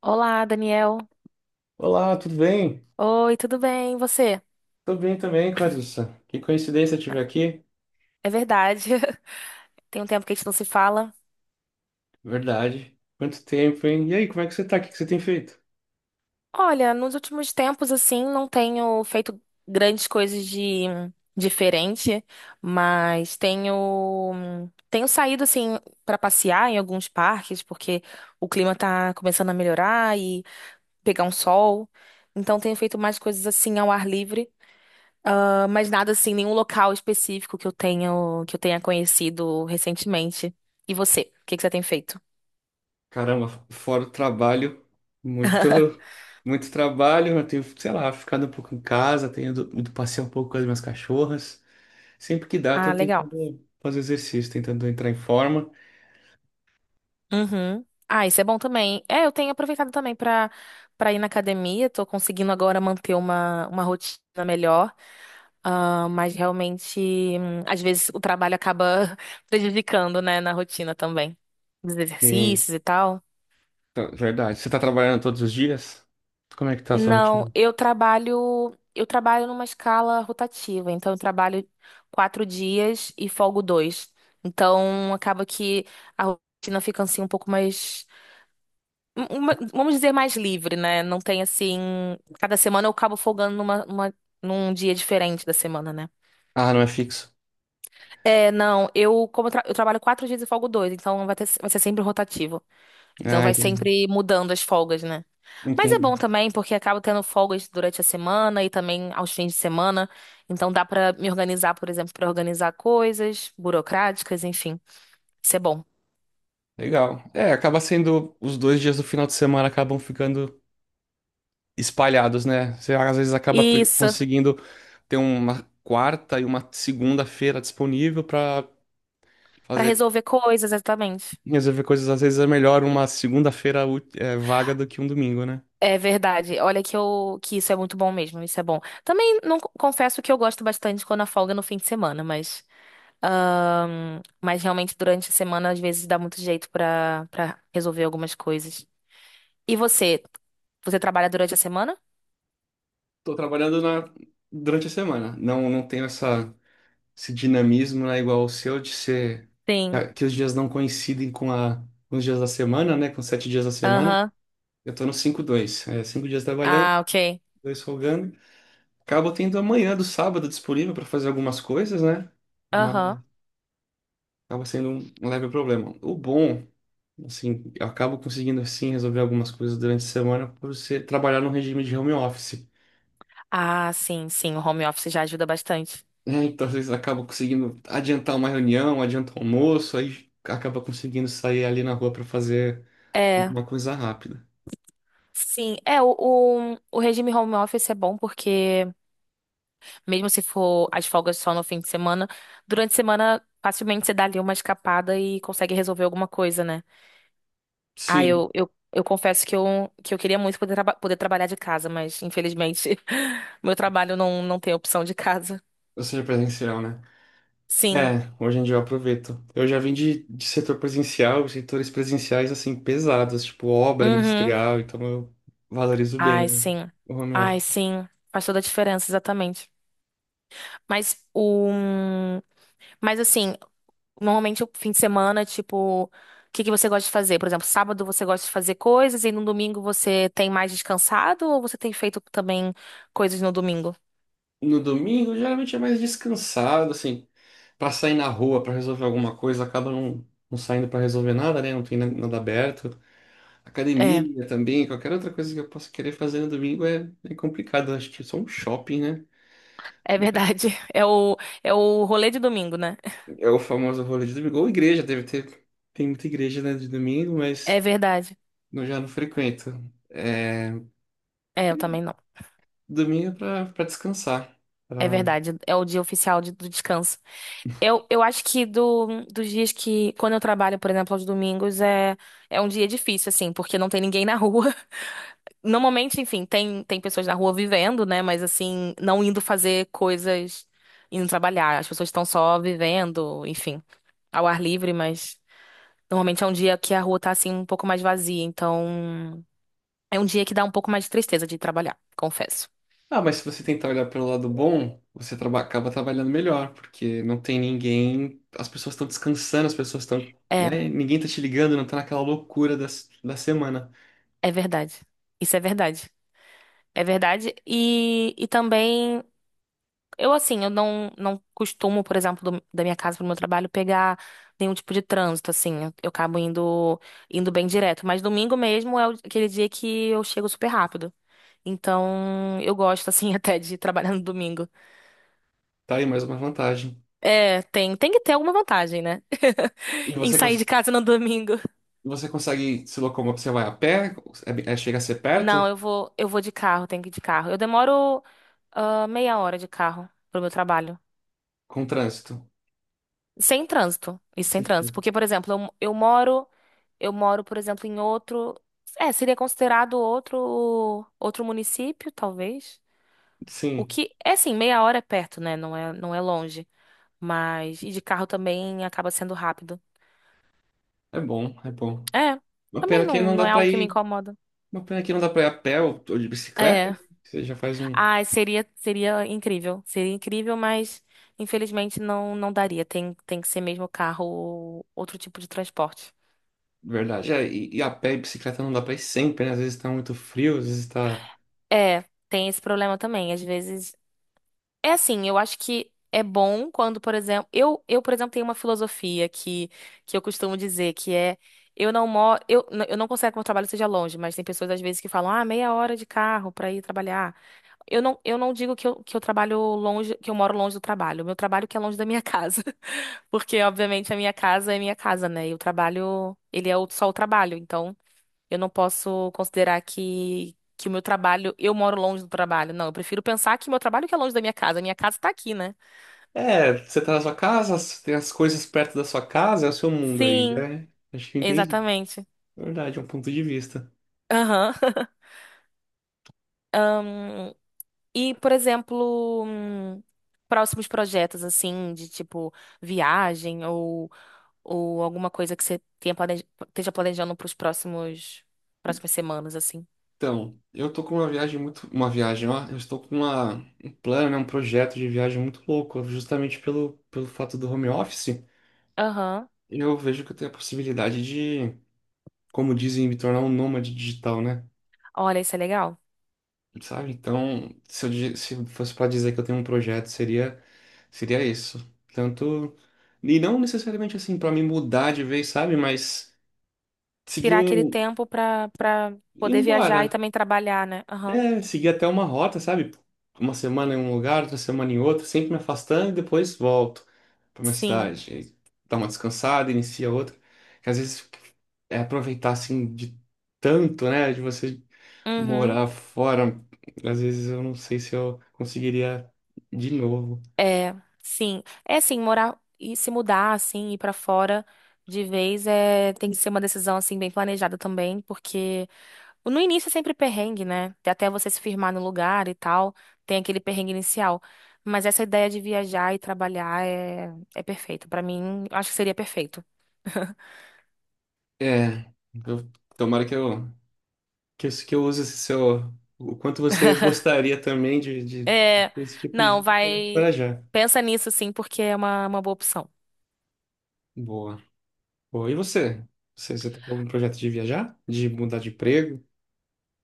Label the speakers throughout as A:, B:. A: Olá, Daniel.
B: Olá, tudo bem?
A: Oi, tudo bem? E você?
B: Tô bem também, Clarissa. Que coincidência te ver aqui.
A: É verdade. Tem um tempo que a gente não se fala.
B: Verdade. Quanto tempo, hein? E aí, como é que você tá? O que que você tem feito?
A: Olha, nos últimos tempos, assim, não tenho feito grandes coisas de diferente, mas tenho saído assim para passear em alguns parques, porque o clima tá começando a melhorar e pegar um sol. Então tenho feito mais coisas assim ao ar livre. Ah, mas nada assim, nenhum local específico que eu tenho, que eu tenha conhecido recentemente. E você? O que que você tem feito?
B: Caramba, fora o trabalho, muito, muito trabalho. Eu tenho, sei lá, ficado um pouco em casa, tenho ido, passear um pouco com as minhas cachorras. Sempre que dá, eu
A: Ah,
B: tô
A: legal.
B: tentando fazer exercício, tentando entrar em forma.
A: Uhum. Ah, isso é bom também. É, eu tenho aproveitado também pra para ir na academia. Tô conseguindo agora manter uma rotina melhor. Ah, mas realmente, às vezes o trabalho acaba prejudicando, né, na rotina também. Dos
B: E,
A: exercícios e tal.
B: tá, verdade. Você tá trabalhando todos os dias? Como é que tá a sua
A: Não,
B: rotina?
A: eu trabalho numa escala rotativa, então eu trabalho quatro dias e folgo dois. Então acaba que a rotina fica assim um pouco mais, vamos dizer, mais livre, né? Não tem assim, cada semana eu acabo folgando num dia diferente da semana, né?
B: Ah, não é fixo.
A: É, não, eu trabalho quatro dias e folgo dois, então vai ser sempre rotativo. Então
B: Ah,
A: vai
B: entendi.
A: sempre mudando as folgas, né? Mas é
B: Entendi.
A: bom também, porque acabo tendo folgas durante a semana e também aos fins de semana. Então dá pra me organizar, por exemplo, pra organizar coisas burocráticas, enfim. Isso é bom.
B: Legal. É, acaba sendo os dois dias do final de semana acabam ficando espalhados, né? Você às vezes acaba
A: Isso.
B: conseguindo ter uma quarta e uma segunda-feira disponível para
A: Pra
B: fazer
A: resolver coisas, exatamente.
B: resolver coisas. Às vezes é melhor uma segunda-feira vaga do que um domingo, né?
A: É verdade. Olha que eu que isso é muito bom mesmo, isso é bom. Também não confesso que eu gosto bastante quando a folga é no fim de semana, mas realmente durante a semana às vezes dá muito jeito pra para resolver algumas coisas. E você? Você trabalha durante a semana?
B: Tô trabalhando na durante a semana. Não, não tenho essa esse dinamismo, né, igual o seu de ser
A: Sim.
B: é, que os dias não coincidem com os dias da semana, né? Com os sete dias da semana.
A: Aham.
B: Eu tô no cinco dois é, cinco dias trabalhando,
A: Ah, ok.
B: dois folgando. Acabo tendo a manhã do sábado disponível para fazer algumas coisas, né? Mas
A: Aham.
B: acaba sendo um leve problema. O bom, assim, eu acabo conseguindo sim resolver algumas coisas durante a semana por ser trabalhar num regime de home office, né?
A: Ah, sim, sim. O home office já ajuda bastante.
B: Então, às vezes, acabo conseguindo adiantar uma reunião, adiantar o almoço, aí acaba conseguindo sair ali na rua para fazer
A: É,
B: alguma coisa rápida.
A: sim. É, o regime home office é bom porque, mesmo se for as folgas só no fim de semana, durante a semana, facilmente você dá ali uma escapada e consegue resolver alguma coisa, né? Ah,
B: Sim,
A: eu confesso que que eu queria muito poder, poder trabalhar de casa, mas, infelizmente, meu trabalho não, não tem opção de casa.
B: ou seja, presencial, né?
A: Sim.
B: É, hoje em dia eu aproveito. Eu já vim de setor presencial, setores presenciais assim pesados, tipo obra
A: Uhum.
B: industrial, então eu valorizo
A: Ai,
B: bem
A: sim.
B: o home
A: Ai,
B: office.
A: sim. Faz toda a diferença, exatamente. Mas o. Mas assim, normalmente o fim de semana, tipo, o que que você gosta de fazer? Por exemplo, sábado você gosta de fazer coisas e no domingo você tem mais descansado ou você tem feito também coisas no domingo?
B: No domingo, geralmente é mais descansado, assim, pra sair na rua, pra resolver alguma coisa, acaba não saindo pra resolver nada, né? Não tem nada aberto.
A: É,
B: Academia também, qualquer outra coisa que eu possa querer fazer no domingo é, é complicado. Acho que só um shopping, né?
A: é verdade. É o, é o rolê de domingo, né?
B: É o famoso rolê de domingo. Ou igreja, deve ter. Tem muita igreja, né, de domingo,
A: É
B: mas.
A: verdade.
B: Não, já não frequento. É,
A: É, eu também não.
B: domingo é pra descansar.
A: É
B: pra-
A: verdade. É o dia oficial de- do descanso. Eu acho que do, dos dias que, quando eu trabalho, por exemplo, aos domingos, é, é um dia difícil, assim, porque não tem ninguém na rua. Normalmente, enfim, tem, tem pessoas na rua vivendo, né? Mas, assim, não indo fazer coisas, indo trabalhar. As pessoas estão só vivendo, enfim, ao ar livre, mas normalmente é um dia que a rua tá, assim, um pouco mais vazia. Então, é um dia que dá um pouco mais de tristeza de trabalhar, confesso.
B: Ah, mas se você tentar olhar pelo lado bom, você acaba trabalhando melhor, porque não tem ninguém, as pessoas estão descansando, as pessoas estão,
A: É,
B: né? Ninguém tá te ligando, não tá naquela loucura da semana.
A: é verdade. Isso é verdade. É verdade. E também. Eu, assim, eu não, não costumo, por exemplo, da minha casa pro meu trabalho pegar nenhum tipo de trânsito, assim. Eu acabo indo, indo bem direto. Mas domingo mesmo é aquele dia que eu chego super rápido. Então, eu gosto, assim, até de trabalhar no domingo.
B: Tá aí mais uma vantagem.
A: É, tem que ter alguma vantagem, né?
B: E
A: Em
B: você,
A: sair de casa no domingo.
B: você consegue se locomover, você vai a pé, chega a ser
A: Não,
B: perto,
A: eu vou de carro, tenho que ir de carro. Eu demoro, ah, meia hora de carro pro meu trabalho.
B: com trânsito.
A: Sem trânsito. Isso sem
B: Sim,
A: trânsito. Porque, por exemplo, eu moro. Eu moro, por exemplo, em outro. É, seria considerado outro município, talvez. O
B: sim,
A: que é assim, meia hora é perto, né? Não é, não é longe. Mas e de carro também acaba sendo rápido.
B: é bom, é bom.
A: É,
B: Uma
A: também
B: pena que
A: não,
B: não
A: não
B: dá
A: é
B: pra
A: algo que me
B: ir.
A: incomoda.
B: Uma pena que não dá pra ir a pé ou de bicicleta,
A: É.
B: né? Você já faz um.
A: Ah, seria incrível. Seria incrível, mas infelizmente não não daria. Tem que ser mesmo carro ou outro tipo de transporte.
B: Verdade. É, e a pé e bicicleta não dá pra ir sempre, né? Às vezes tá muito frio, às vezes tá.
A: É, tem esse problema também. Às vezes. É assim, eu acho que é bom quando, por exemplo, por exemplo, tenho uma filosofia que eu costumo dizer, que é eu não moro, eu não considero que meu trabalho seja longe, mas tem pessoas às vezes que falam, ah, meia hora de carro pra ir trabalhar. Eu não digo que eu trabalho longe, que eu moro longe do trabalho. Meu trabalho que é longe da minha casa. Porque, obviamente, a minha casa é minha casa, né? E o trabalho, ele é só o trabalho, então. Eu não posso considerar que o meu trabalho, eu moro longe do trabalho. Não, eu prefiro pensar que meu trabalho que é longe da minha casa. A minha casa tá aqui, né?
B: É, você tá na sua casa, você tem as coisas perto da sua casa, é o seu mundo aí,
A: Sim,
B: né? Acho que eu entendi.
A: exatamente.
B: Verdade, é um ponto de vista.
A: Aham. Ahn, e, por exemplo, próximos projetos, assim, de tipo viagem ou alguma coisa que você tenha planeja, esteja planejando para os próximos, próximas semanas, assim.
B: Então, eu tô com uma viagem muito. Uma viagem, ó. Eu estou com uma, um plano, né? Um projeto de viagem muito louco, justamente pelo fato do home office.
A: Aham.
B: Eu vejo que eu tenho a possibilidade de, como dizem, me tornar um nômade digital, né?
A: Olha, isso é legal.
B: Sabe? Então, se se fosse para dizer que eu tenho um projeto, seria isso. Tanto e não necessariamente assim para me mudar de vez, sabe? Mas seguir
A: Tirar aquele
B: um
A: tempo pra, pra
B: ir
A: poder
B: embora,
A: viajar e também trabalhar, né? Aham.
B: é, seguir até uma rota, sabe? Uma semana em um lugar, outra semana em outro, sempre me afastando e depois volto para minha
A: Sim.
B: cidade. E dá uma descansada, inicia outra. Que às vezes é aproveitar assim de tanto, né? De você
A: Uhum.
B: morar fora. Às vezes eu não sei se eu conseguiria de novo.
A: É, sim. É assim, morar e se mudar assim, ir pra fora de vez é tem que ser uma decisão assim bem planejada também, porque no início é sempre perrengue, né? Até você se firmar no lugar e tal, tem aquele perrengue inicial. Mas essa ideia de viajar e trabalhar é, é perfeito. Pra mim, eu acho que seria perfeito.
B: É, eu, tomara que que eu use esse seu. O quanto você gostaria também
A: É,
B: desse tipo de
A: não,
B: vida
A: vai.
B: para já.
A: Pensa nisso sim, porque é uma boa opção.
B: Boa. Pô, e você? Você tá com algum projeto de viajar? De mudar de emprego?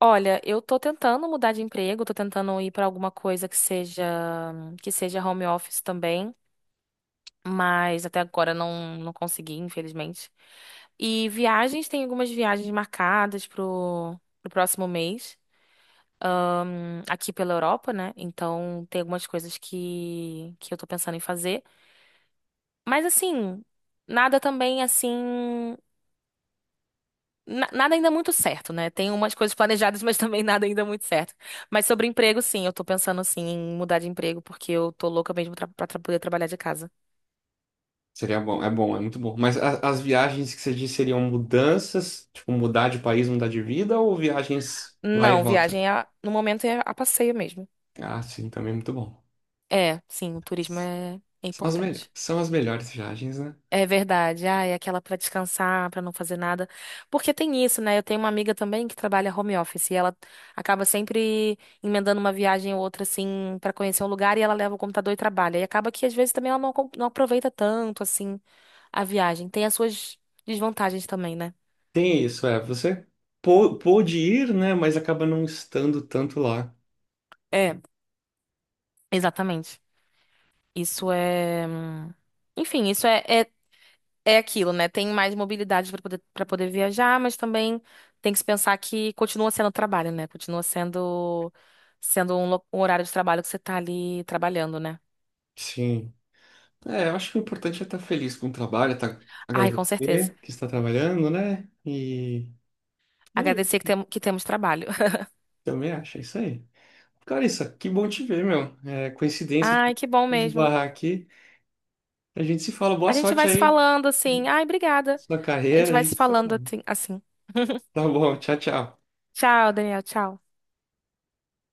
A: Olha, eu tô tentando mudar de emprego, tô tentando ir pra alguma coisa que seja home office também, mas até agora não não consegui, infelizmente. E viagens, tem algumas viagens marcadas pro próximo mês, aqui pela Europa, né? Então tem algumas coisas que eu tô pensando em fazer, mas assim, nada também assim. Nada ainda muito certo, né? Tem umas coisas planejadas, mas também nada ainda muito certo. Mas sobre emprego, sim, eu tô pensando assim em mudar de emprego, porque eu tô louca mesmo pra, poder trabalhar de casa.
B: Seria bom, é muito bom. Mas as viagens que você diz seriam mudanças, tipo mudar de país, mudar de vida, ou viagens vai e
A: Não,
B: volta?
A: viagem é no momento é a passeio mesmo.
B: Ah, sim, também é muito bom.
A: É, sim, o turismo é, é
B: São as,
A: importante.
B: são as melhores viagens, né?
A: É verdade. Ah, é aquela pra descansar, pra não fazer nada. Porque tem isso, né? Eu tenho uma amiga também que trabalha home office e ela acaba sempre emendando uma viagem ou outra assim pra conhecer um lugar e ela leva o computador e trabalha. E acaba que às vezes também ela não, não aproveita tanto assim a viagem. Tem as suas desvantagens também, né?
B: Tem isso, é. Você pôde ir, né? Mas acaba não estando tanto lá.
A: É. Exatamente. Isso é. Enfim, isso é, é. É aquilo, né? Tem mais mobilidade para poder viajar, mas também tem que se pensar que continua sendo trabalho, né? Continua sendo sendo um, um horário de trabalho que você tá ali trabalhando, né?
B: Sim. É, eu acho que o importante é estar feliz com o trabalho, tá,
A: Ai, com certeza.
B: agradecer que está trabalhando, né? E. e
A: Agradecer
B: é
A: que, tem, que temos trabalho.
B: Também acho, é isso aí. Cara, que bom te ver, meu. É coincidência
A: Ai,
B: de
A: que bom mesmo.
B: esbarrar aqui. A gente se fala. Boa
A: A gente
B: sorte
A: vai se
B: aí,
A: falando assim. Ai, obrigada.
B: na sua
A: A
B: carreira,
A: gente
B: a
A: vai se
B: gente se
A: falando
B: fala.
A: assim.
B: Tá bom, tchau, tchau.
A: Tchau, Daniel. Tchau.